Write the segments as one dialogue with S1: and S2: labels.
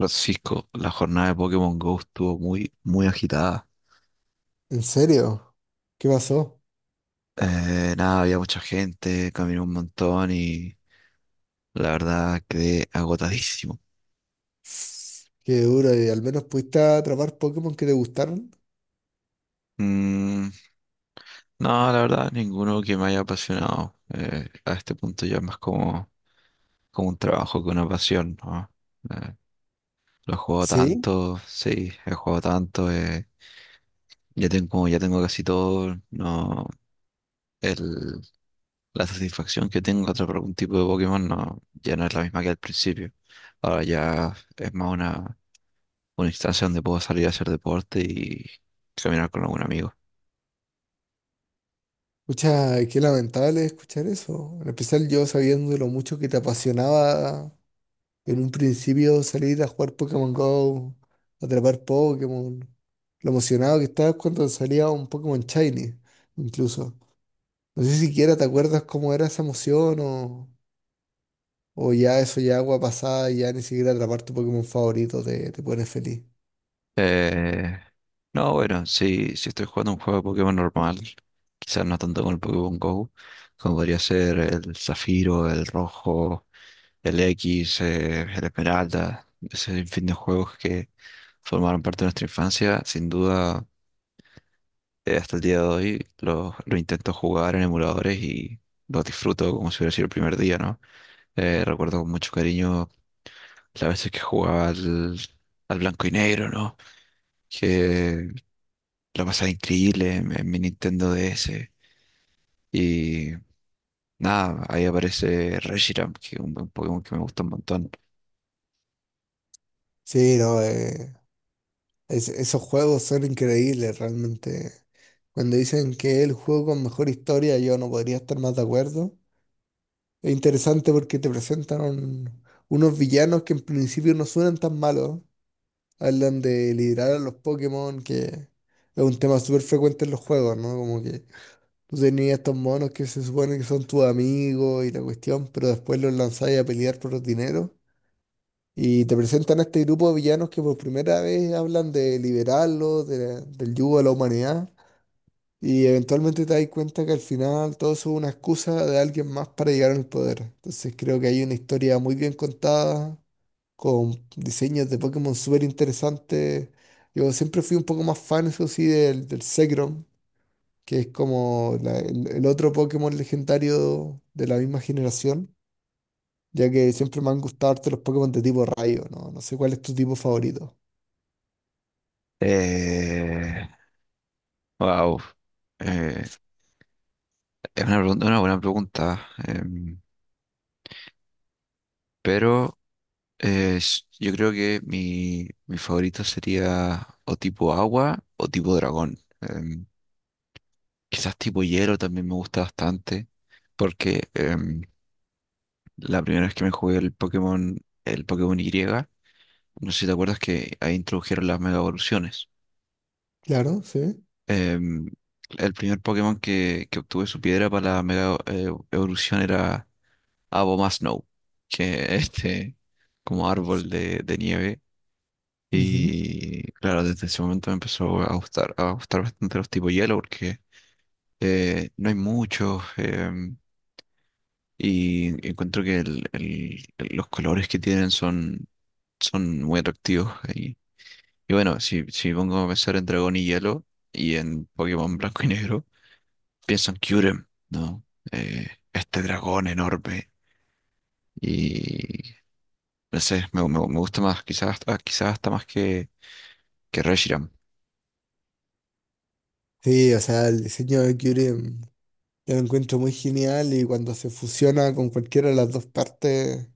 S1: Francisco, la jornada de Pokémon Go estuvo muy, muy agitada.
S2: ¿En serio? ¿Qué pasó?
S1: Nada, había mucha gente, caminé un montón y la verdad quedé agotadísimo.
S2: Qué duro, y al menos pudiste atrapar Pokémon que te gustaron.
S1: Mm, no, la verdad, ninguno que me haya apasionado. A este punto ya es más como un trabajo que una pasión, ¿no? Eh, lo he jugado
S2: Sí,
S1: tanto, sí, he jugado tanto, ya tengo casi todo, no. el, la satisfacción que tengo a atrapar algún tipo de Pokémon no, ya no es la misma que al principio. Ahora ya es más una instancia donde puedo salir a hacer deporte y caminar con algún amigo.
S2: escucha, qué lamentable escuchar eso. En especial yo sabiendo lo mucho que te apasionaba en un principio salir a jugar Pokémon Go, atrapar Pokémon, lo emocionado que estabas cuando salía un Pokémon Shiny, incluso. No sé siquiera te acuerdas cómo era esa emoción o ya eso ya agua pasada, y ya ni siquiera atrapar tu Pokémon favorito te pone feliz.
S1: Eh, no, bueno, si estoy jugando un juego de Pokémon normal, quizás no tanto con el Pokémon Go, como podría ser el Zafiro, el Rojo, el X, el Esmeralda, ese fin de juegos que formaron parte de nuestra infancia, sin duda, hasta el día de hoy lo intento jugar en emuladores y lo disfruto como si hubiera sido el primer día, ¿no? Recuerdo con mucho cariño las veces que jugaba al blanco y negro, ¿no? Que la pasaba increíble en mi Nintendo DS. Y nada, ahí aparece Reshiram, que es un Pokémon que me gusta un montón.
S2: Sí, no, esos juegos son increíbles realmente. Cuando dicen que es el juego con mejor historia, yo no podría estar más de acuerdo. Es interesante porque te presentan unos villanos que en principio no suenan tan malos. Hablan de liderar a los Pokémon, que es un tema súper frecuente en los juegos, ¿no? Como que tú tenías estos monos que se supone que son tus amigos y la cuestión, pero después los lanzáis a pelear por los dineros. Y te presentan a este grupo de villanos que por primera vez hablan de liberarlo, del yugo de la humanidad. Y eventualmente te das cuenta que al final todo eso es una excusa de alguien más para llegar al poder. Entonces creo que hay una historia muy bien contada, con diseños de Pokémon súper interesantes. Yo siempre fui un poco más fan, eso sí, del Zekrom, que es como el otro Pokémon legendario de la misma generación, ya que siempre me han gustado harto los Pokémon de tipo rayo, ¿no? No sé cuál es tu tipo favorito.
S1: Eh, wow. Eh, es una buena pregunta. Pero, yo creo que mi favorito sería o tipo agua o tipo dragón. Quizás tipo hielo también me gusta bastante, porque la primera vez que me jugué el Pokémon, Y, no sé si te acuerdas que ahí introdujeron las mega evoluciones.
S2: Claro, sí.
S1: Em, el primer Pokémon que obtuve su piedra para la mega evolución era Abomasnow, que es este como árbol de nieve.
S2: Ujú.
S1: Y claro, desde ese momento me empezó a gustar bastante los tipos hielo porque no hay muchos, y encuentro que los colores que tienen son muy atractivos. Y bueno, si pongo a pensar en Dragón y Hielo y en Pokémon Blanco y Negro, pienso en Kyurem, ¿no? Eh, este dragón enorme. Y no sé, me gusta más, quizás, quizás hasta más que Reshiram.
S2: Sí, o sea, el diseño de Curie mm, yo lo encuentro muy genial, y cuando se fusiona con cualquiera de las dos partes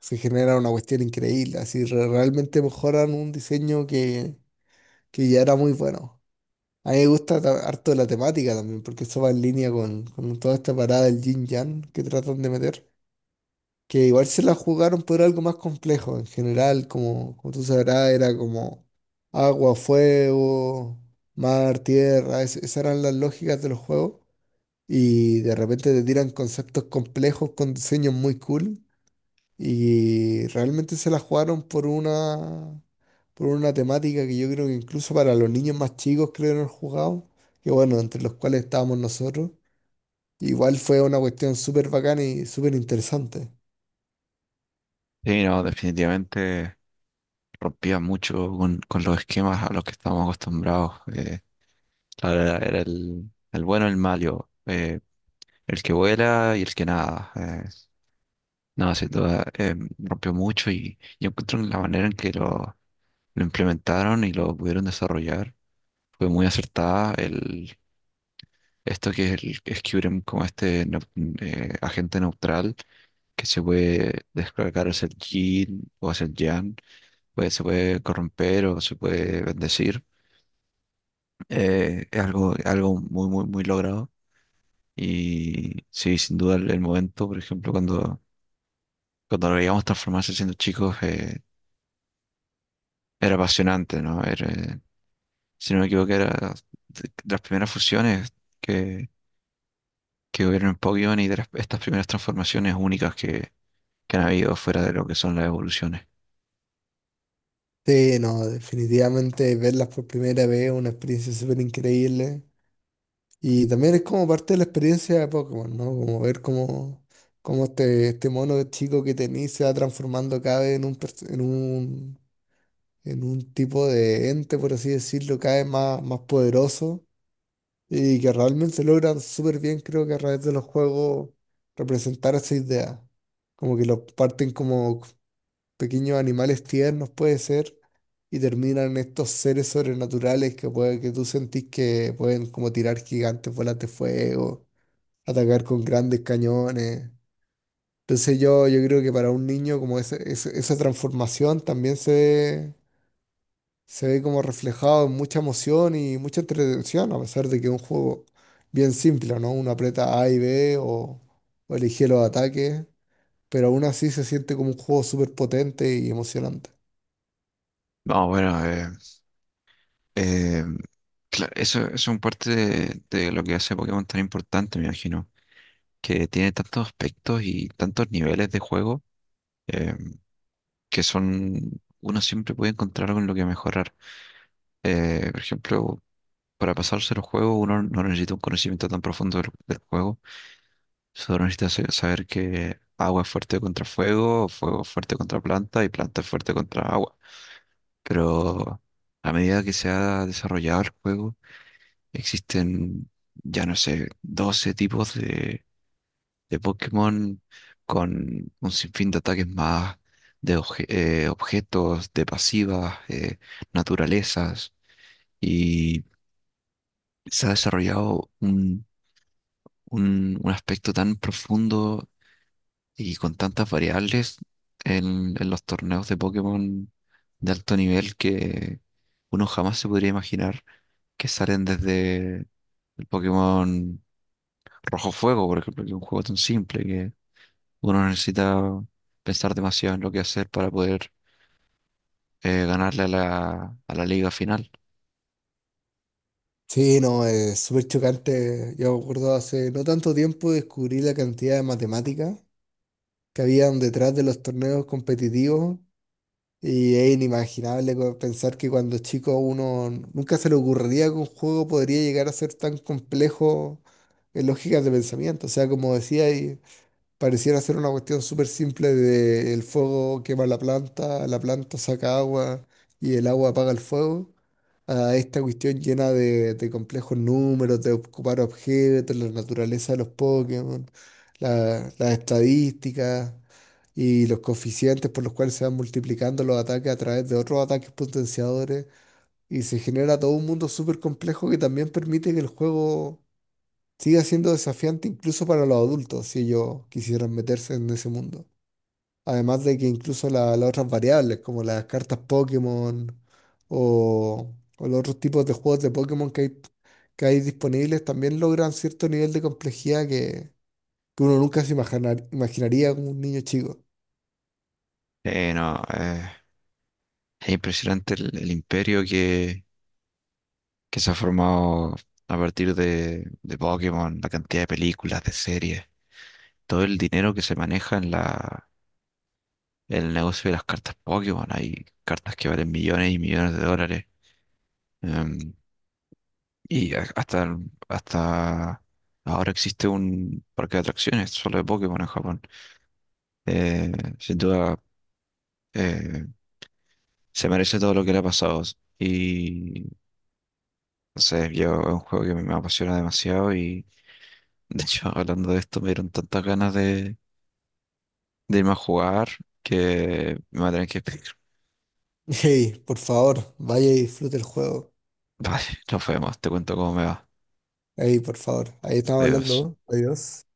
S2: se genera una cuestión increíble. Así realmente mejoran un diseño que ya era muy bueno. A mí me gusta harto la temática también, porque eso va en línea con toda esta parada del yin yang que tratan de meter, que igual se la jugaron por algo más complejo. En general, como, como tú sabrás, era como agua, fuego, mar, tierra. Esas eran las lógicas de los juegos. Y de repente te tiran conceptos complejos con diseños muy cool. Y realmente se la jugaron por por una temática que yo creo que incluso para los niños más chicos creo que no jugado. Que bueno, entre los cuales estábamos nosotros. Igual fue una cuestión súper bacana y súper interesante.
S1: Sí, no, definitivamente rompía mucho con los esquemas a los que estábamos acostumbrados. La verdad, era el bueno, el malo, el que vuela y el que nada. No, sin duda, rompió mucho y yo encuentro en la manera en que lo implementaron y lo pudieron desarrollar. Fue muy acertada esto que es el Skyrim como este agente neutral que se puede descargar hacia el Jin o hacia el Yang pues, se puede corromper o se puede bendecir. Es algo muy, muy, muy logrado. Y sí, sin duda el momento, por ejemplo, cuando lo veíamos transformarse siendo chicos, era apasionante, ¿no? Era, si no me equivoco, era de las primeras fusiones que, que hubieron en Pokémon y estas primeras transformaciones únicas que han habido fuera de lo que son las evoluciones.
S2: Sí, no, definitivamente verlas por primera vez es una experiencia súper increíble. Y también es como parte de la experiencia de Pokémon, ¿no? Como ver cómo este mono chico que tenís se va transformando cada vez en en un tipo de ente, por así decirlo, cada vez más, más poderoso. Y que realmente logran súper bien, creo que a través de los juegos, representar esa idea. Como que lo parten como pequeños animales tiernos puede ser, y terminan estos seres sobrenaturales que puede que tú sentís que pueden como tirar gigantes bolas de fuego, atacar con grandes cañones. Entonces yo creo que para un niño como esa transformación también se ve como reflejado en mucha emoción y mucha entretención, a pesar de que es un juego bien simple, ¿no? Uno aprieta A y B o elige los ataques, pero aún así se siente como un juego súper potente y emocionante.
S1: No, bueno, eh, Claro, eso es un parte de lo que hace Pokémon tan importante, me imagino. Que tiene tantos aspectos y tantos niveles de juego, eh, que son, uno siempre puede encontrar algo en lo que mejorar. Por ejemplo, para pasarse los juegos uno no necesita un conocimiento tan profundo del juego, solo necesita saber que agua es fuerte contra fuego, fuego es fuerte contra planta y planta es fuerte contra agua. Pero a medida que se ha desarrollado el juego, existen, ya no sé, 12 tipos de Pokémon con un sinfín de ataques más, objetos, de pasivas, naturalezas, y se ha desarrollado un aspecto tan profundo y con tantas variables en los torneos de Pokémon de alto nivel que uno jamás se podría imaginar que salen desde el Pokémon Rojo Fuego, por ejemplo, que es un juego tan simple. Uno necesita pensar demasiado en lo que hacer para poder ganarle a la liga final.
S2: Sí, no, es súper chocante. Yo me acuerdo hace no tanto tiempo descubrí la cantidad de matemáticas que habían detrás de los torneos competitivos, y es inimaginable pensar que cuando chico uno nunca se le ocurriría que un juego podría llegar a ser tan complejo en lógicas de pensamiento. O sea, como decía, pareciera ser una cuestión súper simple de el fuego quema la planta saca agua y el agua apaga el fuego, a esta cuestión llena de complejos números, de ocupar objetos, la naturaleza de los Pokémon, las estadísticas y los coeficientes por los cuales se van multiplicando los ataques a través de otros ataques potenciadores, y se genera todo un mundo súper complejo que también permite que el juego sigue siendo desafiante incluso para los adultos si ellos quisieran meterse en ese mundo. Además de que incluso las otras variables, como las cartas Pokémon o, o los otros tipos de juegos de Pokémon que hay disponibles, también logran cierto nivel de complejidad que uno nunca se imaginaría como un niño chico.
S1: No, es impresionante el imperio que se ha formado a partir de Pokémon, la cantidad de películas, de series, todo el dinero que se maneja en el negocio de las cartas Pokémon. Hay cartas que valen millones y millones de dólares. Em, y hasta ahora existe un parque de atracciones solo de Pokémon en Japón. Eh, Sin duda. Eh, Se merece todo lo que le ha pasado. Y no sé, yo es un juego que me apasiona demasiado y de hecho hablando de esto me dieron tantas ganas de irme a jugar que me va a tener que pedir.
S2: Hey, por favor, vaya y disfrute el juego.
S1: Vale, nos vemos, te cuento cómo me va.
S2: Hey, por favor, ahí estamos
S1: Adiós.
S2: hablando. Adiós.